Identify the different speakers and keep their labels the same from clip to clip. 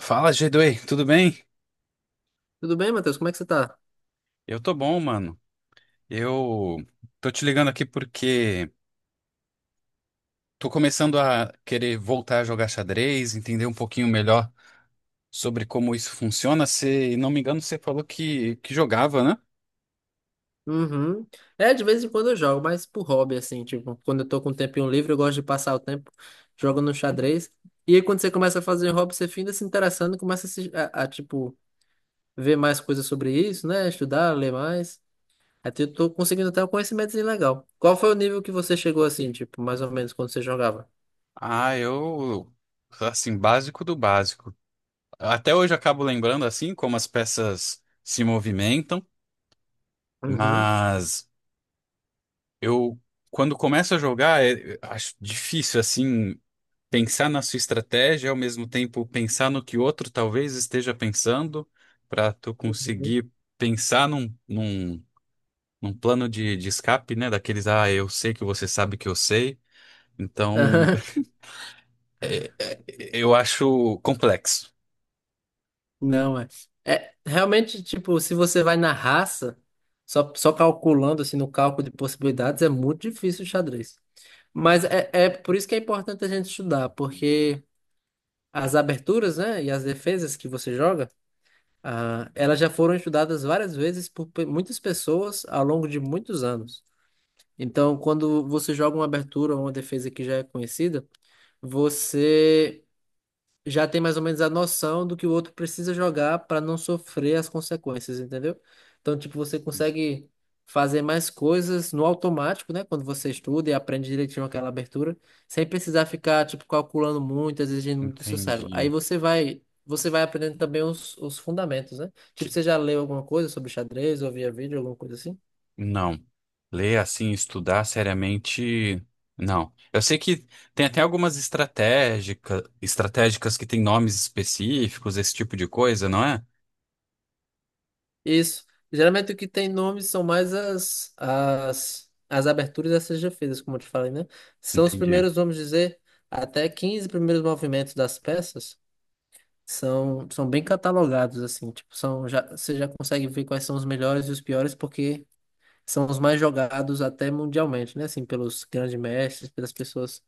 Speaker 1: Fala, g, tudo bem?
Speaker 2: Tudo bem, Matheus? Como é que você tá?
Speaker 1: Eu tô bom, mano. Eu Tô te ligando aqui porque tô começando a querer voltar a jogar xadrez, entender um pouquinho melhor sobre como isso funciona. Se não me engano, você falou que jogava, né?
Speaker 2: Uhum. É, de vez em quando eu jogo, mas por hobby, assim, tipo, quando eu tô com um tempinho livre, eu gosto de passar o tempo jogando xadrez. E aí, quando você começa a fazer hobby, você finda se interessando, começa a, tipo, ver mais coisas sobre isso, né? Estudar, ler mais. Até eu tô conseguindo até um conhecimento legal. Qual foi o nível que você chegou, assim, tipo, mais ou menos, quando você jogava?
Speaker 1: Ah, eu, assim, básico do básico. Até hoje eu acabo lembrando, assim, como as peças se movimentam,
Speaker 2: Uhum.
Speaker 1: mas eu, quando começo a jogar, acho difícil, assim. Pensar na sua estratégia, ao mesmo tempo pensar no que outro talvez esteja pensando, para tu
Speaker 2: Uhum.
Speaker 1: conseguir pensar num plano de escape, né? Daqueles, ah, eu sei que você sabe que eu sei. Então, eu acho complexo.
Speaker 2: Não, é. É, realmente, tipo, se você vai na raça, só calculando, assim, no cálculo de possibilidades, é muito difícil o xadrez. Mas é por isso que é importante a gente estudar, porque as aberturas, né, e as defesas que você joga, ah, elas já foram estudadas várias vezes por muitas pessoas ao longo de muitos anos. Então, quando você joga uma abertura ou uma defesa que já é conhecida, você já tem mais ou menos a noção do que o outro precisa jogar para não sofrer as consequências, entendeu? Então, tipo, você consegue fazer mais coisas no automático, né? Quando você estuda e aprende direitinho aquela abertura, sem precisar ficar, tipo, calculando muito, exigindo muito do seu cérebro. Aí
Speaker 1: Entendi.
Speaker 2: você vai aprendendo também os fundamentos, né? Tipo,
Speaker 1: Que-
Speaker 2: você já leu alguma coisa sobre xadrez, ou via vídeo, alguma coisa assim?
Speaker 1: Não. Ler assim, estudar seriamente, não. Eu sei que tem até algumas estratégicas que têm nomes específicos, esse tipo de coisa, não é?
Speaker 2: Isso. Geralmente o que tem nome são mais as aberturas e as como eu te falei, né? São os
Speaker 1: Entendi.
Speaker 2: primeiros, vamos dizer, até 15 primeiros movimentos das peças são bem catalogados, assim. Tipo, você já consegue ver quais são os melhores e os piores, porque são os mais jogados até mundialmente, né? Assim, pelos grandes mestres, pelas pessoas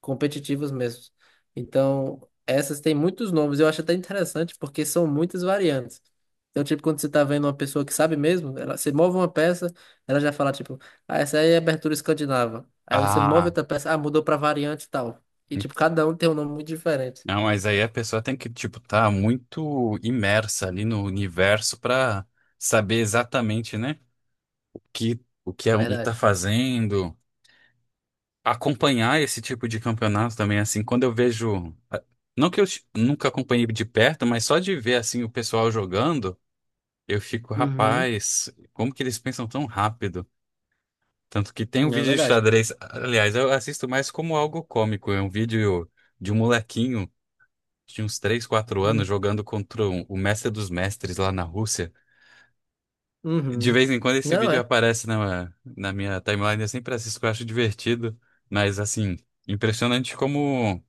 Speaker 2: competitivos mesmos. Então, essas têm muitos nomes. Eu acho até interessante porque são muitas variantes. Então, tipo, quando você tá vendo uma pessoa que sabe mesmo, você move uma peça, ela já fala, tipo, ah, essa aí é abertura escandinava. Aí você move
Speaker 1: Ah.
Speaker 2: outra peça, ah, mudou pra variante e tal. E, tipo, cada um tem um nome muito diferente.
Speaker 1: Não, mas aí a pessoa tem que, tipo, tá muito imersa ali no universo pra saber exatamente, né, que, o que
Speaker 2: É
Speaker 1: um tá
Speaker 2: verdade.
Speaker 1: fazendo. Acompanhar esse tipo de campeonato também, assim, quando eu vejo. Não que eu nunca acompanhei de perto, mas só de ver, assim, o pessoal jogando, eu fico,
Speaker 2: Uhum.
Speaker 1: rapaz, como que eles pensam tão rápido? Tanto que tem um
Speaker 2: É
Speaker 1: vídeo de
Speaker 2: verdade.
Speaker 1: xadrez. Aliás, eu assisto mais como algo cômico, é um vídeo de um molequinho. Tinha uns 3 4 anos
Speaker 2: Hum.
Speaker 1: jogando contra o mestre dos mestres lá na Rússia. De
Speaker 2: Uhum.
Speaker 1: vez em quando esse
Speaker 2: Não
Speaker 1: vídeo
Speaker 2: é.
Speaker 1: aparece na minha timeline, eu sempre assisto, que eu acho divertido. Mas, assim, impressionante como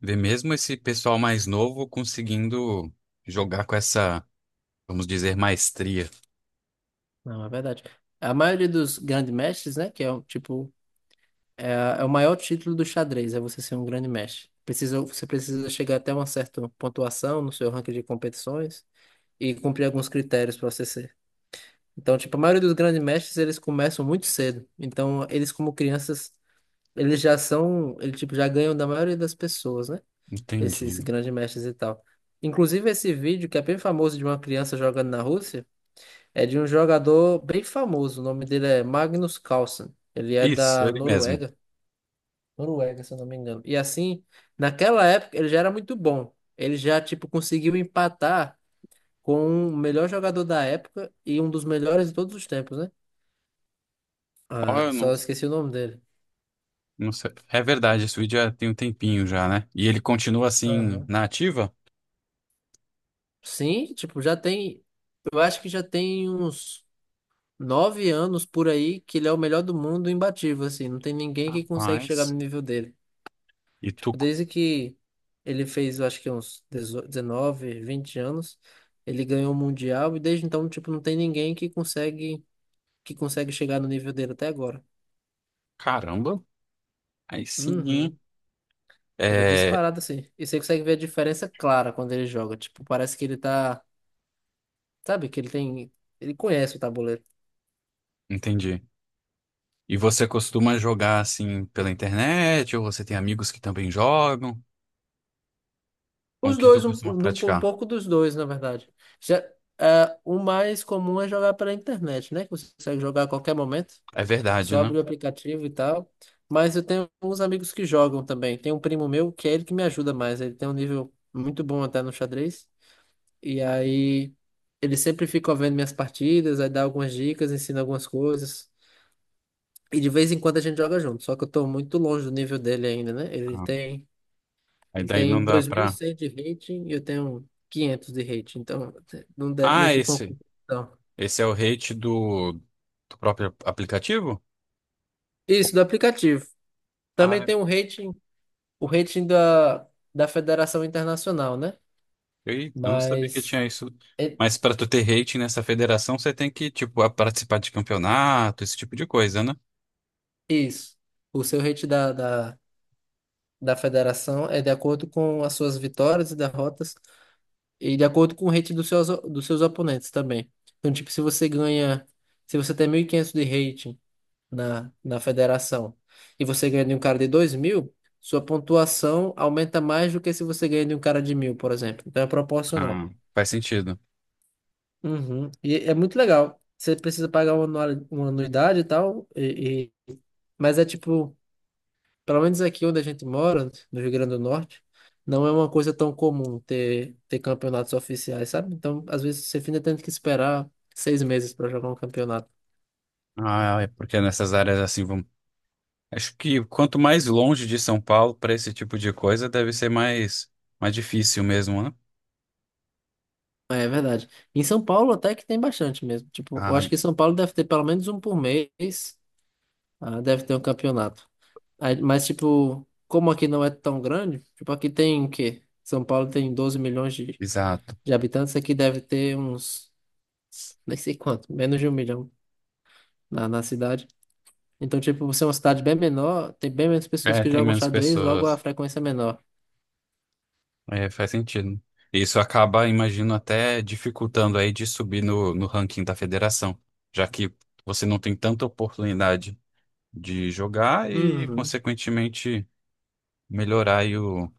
Speaker 1: ver mesmo esse pessoal mais novo conseguindo jogar com essa, vamos dizer, maestria.
Speaker 2: Não, é verdade. A maioria dos grandes mestres, né, que é, um, tipo, É, é o maior título do xadrez, é você ser um grande mestre. Você precisa chegar até uma certa pontuação no seu ranking de competições e cumprir alguns critérios para você ser. Então, tipo, a maioria dos grandes mestres, eles começam muito cedo. Então, eles como crianças, eles já são, eles tipo, já ganham da maioria das pessoas, né? Esses
Speaker 1: Entendi.
Speaker 2: grandes mestres e tal. Inclusive, esse vídeo, que é bem famoso de uma criança jogando na Rússia, é de um jogador bem famoso. O nome dele é Magnus Carlsen. Ele é
Speaker 1: Isso,
Speaker 2: da
Speaker 1: ele mesmo.
Speaker 2: Noruega. Noruega, se eu não me engano. E assim, naquela época ele já era muito bom. Ele já, tipo, conseguiu empatar com o melhor jogador da época e um dos melhores de todos os tempos, né?
Speaker 1: Ó,
Speaker 2: Ah,
Speaker 1: eu não,
Speaker 2: só esqueci o nome dele.
Speaker 1: não sei. É verdade, esse vídeo já tem um tempinho já, né? E ele continua assim,
Speaker 2: Aham.
Speaker 1: na ativa?
Speaker 2: Sim, tipo, já tem. Eu acho que já tem uns 9 anos por aí que ele é o melhor do mundo imbatível, assim. Não tem ninguém que consegue chegar no
Speaker 1: Rapaz.
Speaker 2: nível dele.
Speaker 1: E
Speaker 2: Tipo,
Speaker 1: tu,
Speaker 2: desde que ele fez, eu acho que uns 18, 19, 20 anos, ele ganhou o Mundial e desde então, tipo, não tem ninguém que consegue chegar no nível dele até agora.
Speaker 1: caramba, aí sim.
Speaker 2: Uhum. Ele é
Speaker 1: É,
Speaker 2: disparado assim. E você consegue ver a diferença clara quando ele joga. Tipo, parece que ele tá, sabe, ele conhece o tabuleiro.
Speaker 1: entendi. E você costuma jogar assim pela internet ou você tem amigos que também jogam? Como
Speaker 2: Os
Speaker 1: que tu
Speaker 2: dois, um,
Speaker 1: costuma
Speaker 2: um
Speaker 1: praticar?
Speaker 2: pouco dos dois, na verdade. Já, o mais comum é jogar pela internet, né? Que você consegue jogar a qualquer momento.
Speaker 1: É verdade,
Speaker 2: Só
Speaker 1: né?
Speaker 2: abri o aplicativo e tal. Mas eu tenho uns amigos que jogam também. Tem um primo meu que é ele que me ajuda mais. Ele tem um nível muito bom até no xadrez. E aí ele sempre fica vendo minhas partidas, aí dá algumas dicas, ensina algumas coisas. E de vez em quando a gente joga junto. Só que eu tô muito longe do nível dele ainda, né? Ele
Speaker 1: Ah,
Speaker 2: tem,
Speaker 1: aí
Speaker 2: ele
Speaker 1: daí
Speaker 2: tem
Speaker 1: não dá
Speaker 2: dois mil e
Speaker 1: pra.
Speaker 2: cem de rating e eu tenho 500 de rating. Então não, não é
Speaker 1: Ah,
Speaker 2: tipo uma
Speaker 1: esse,
Speaker 2: competição.
Speaker 1: esse é o rate do, do próprio aplicativo?
Speaker 2: Isso, do aplicativo. Também
Speaker 1: Ah,
Speaker 2: tem um rating, o rating da Federação Internacional, né?
Speaker 1: eu não sabia que
Speaker 2: Mas
Speaker 1: tinha isso.
Speaker 2: é
Speaker 1: Mas pra tu ter rate nessa federação, você tem que, tipo, participar de campeonato, esse tipo de coisa, né?
Speaker 2: isso. O seu rating da Federação é de acordo com as suas vitórias e derrotas e de acordo com o rating dos seus oponentes também. Então, tipo, se você tem 1.500 de rating na Federação e você ganha de um cara de 2.000, sua pontuação aumenta mais do que se você ganha de um cara de 1.000, por exemplo. Então, é proporcional.
Speaker 1: Ah, faz sentido.
Speaker 2: Uhum. E é muito legal. Você precisa pagar uma anuidade e tal, mas é tipo, pelo menos aqui onde a gente mora, no Rio Grande do Norte, não é uma coisa tão comum ter, campeonatos oficiais, sabe? Então, às vezes, você ainda tem que esperar 6 meses para jogar um campeonato.
Speaker 1: Ah, é porque nessas áreas assim, vamos. Acho que quanto mais longe de São Paulo para esse tipo de coisa, deve ser mais, mais difícil mesmo, né?
Speaker 2: É verdade. Em São Paulo até que tem bastante mesmo. Tipo, eu
Speaker 1: Ah,
Speaker 2: acho que São Paulo deve ter pelo menos um por mês, deve ter um campeonato. Mas, tipo, como aqui não é tão grande, tipo, aqui tem o quê? São Paulo tem 12 milhões de
Speaker 1: exato.
Speaker 2: de habitantes, aqui deve ter uns, nem sei quanto, menos de um milhão na cidade. Então, tipo, você é uma cidade bem menor, tem bem menos pessoas
Speaker 1: É,
Speaker 2: que
Speaker 1: tem
Speaker 2: jogam
Speaker 1: menos
Speaker 2: xadrez, logo a
Speaker 1: pessoas.
Speaker 2: frequência é menor.
Speaker 1: É, faz sentido. Isso acaba, imagino, até dificultando aí de subir no ranking da federação, já que você não tem tanta oportunidade de jogar e,
Speaker 2: Uhum,
Speaker 1: consequentemente, melhorar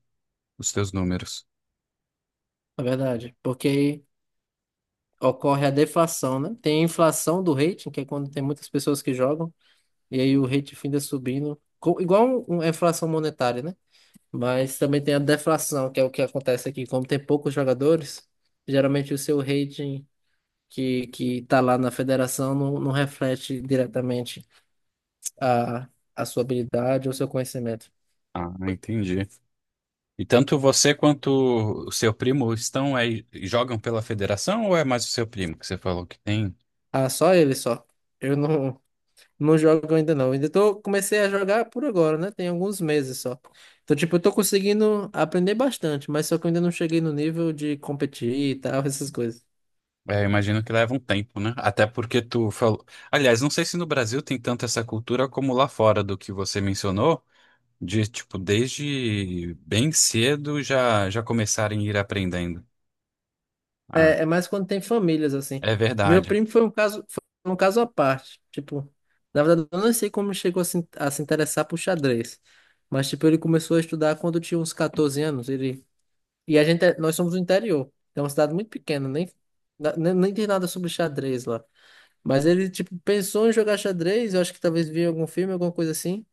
Speaker 1: os seus números.
Speaker 2: é verdade. Porque aí ocorre a deflação, né? Tem a inflação do rating, que é quando tem muitas pessoas que jogam, e aí o rating finda subindo, igual uma inflação monetária, né? Mas também tem a deflação, que é o que acontece aqui. Como tem poucos jogadores, geralmente o seu rating que está lá na federação não reflete diretamente a, a sua habilidade ou seu conhecimento.
Speaker 1: Ah, entendi. E tanto você quanto o seu primo estão aí, jogam pela federação ou é mais o seu primo que você falou que tem?
Speaker 2: Ah, só ele só. Eu não jogo ainda não. Ainda tô, comecei a jogar por agora, né? Tem alguns meses só. Então, tipo, eu tô conseguindo aprender bastante, mas só que eu ainda não cheguei no nível de competir e tal, essas coisas.
Speaker 1: É, eu imagino que leva um tempo, né? Até porque tu falou. Aliás, não sei se no Brasil tem tanto essa cultura como lá fora do que você mencionou, de tipo, desde bem cedo já começarem a ir aprendendo. Ah,
Speaker 2: É mais quando tem famílias, assim.
Speaker 1: é
Speaker 2: Meu
Speaker 1: verdade.
Speaker 2: primo foi um caso à parte. Tipo, na verdade, eu não sei como chegou a se interessar por xadrez. Mas, tipo, ele começou a estudar quando tinha uns 14 anos. E nós somos do interior. É uma cidade muito pequena, nem, na- nem, nem tem nada sobre xadrez lá. Mas ele, tipo, pensou em jogar xadrez. Eu acho que talvez via algum filme, alguma coisa assim.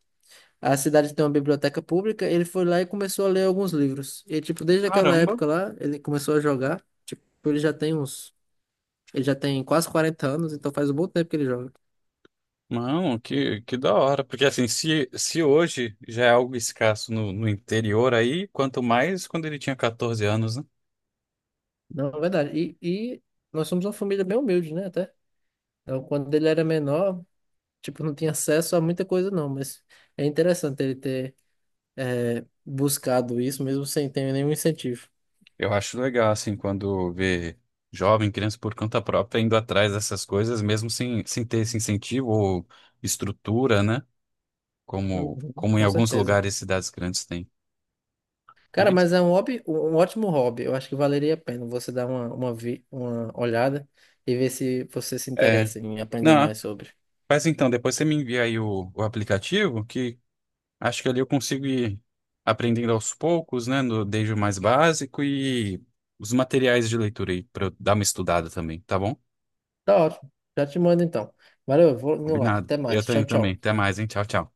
Speaker 2: A cidade tem uma biblioteca pública. Ele foi lá e começou a ler alguns livros. E, tipo, desde aquela
Speaker 1: Caramba.
Speaker 2: época lá, ele começou a jogar. Tipo, ele já tem uns. Ele já tem quase 40 anos, então faz um bom tempo que ele joga.
Speaker 1: Não, que da hora. Porque assim, se hoje já é algo escasso no interior aí, quanto mais quando ele tinha 14 anos, né?
Speaker 2: Não, é verdade. E nós somos uma família bem humilde, né? Até. Então, quando ele era menor, tipo, não tinha acesso a muita coisa, não. Mas é interessante ele ter buscado isso, mesmo sem ter nenhum incentivo.
Speaker 1: Eu acho legal, assim, quando vê jovem, criança por conta própria indo atrás dessas coisas, mesmo sem ter esse incentivo ou estrutura, né? Como,
Speaker 2: Uhum,
Speaker 1: como em
Speaker 2: com
Speaker 1: alguns
Speaker 2: certeza.
Speaker 1: lugares e cidades grandes têm.
Speaker 2: Cara,
Speaker 1: É, isso.
Speaker 2: mas é um hobby, um ótimo hobby. Eu acho que valeria a pena você dar uma olhada e ver se você se
Speaker 1: É.
Speaker 2: interessa em aprender
Speaker 1: Não,
Speaker 2: mais sobre.
Speaker 1: mas então, depois você me envia aí o aplicativo, que acho que ali eu consigo ir aprendendo aos poucos, né? No, desde o mais básico e os materiais de leitura aí, para eu dar uma estudada também, tá bom?
Speaker 2: Tá ótimo. Já te mando então. Valeu, eu vou indo lá.
Speaker 1: Combinado.
Speaker 2: Até
Speaker 1: Eu
Speaker 2: mais. Tchau,
Speaker 1: tenho também.
Speaker 2: tchau.
Speaker 1: Até mais, hein? Tchau, tchau.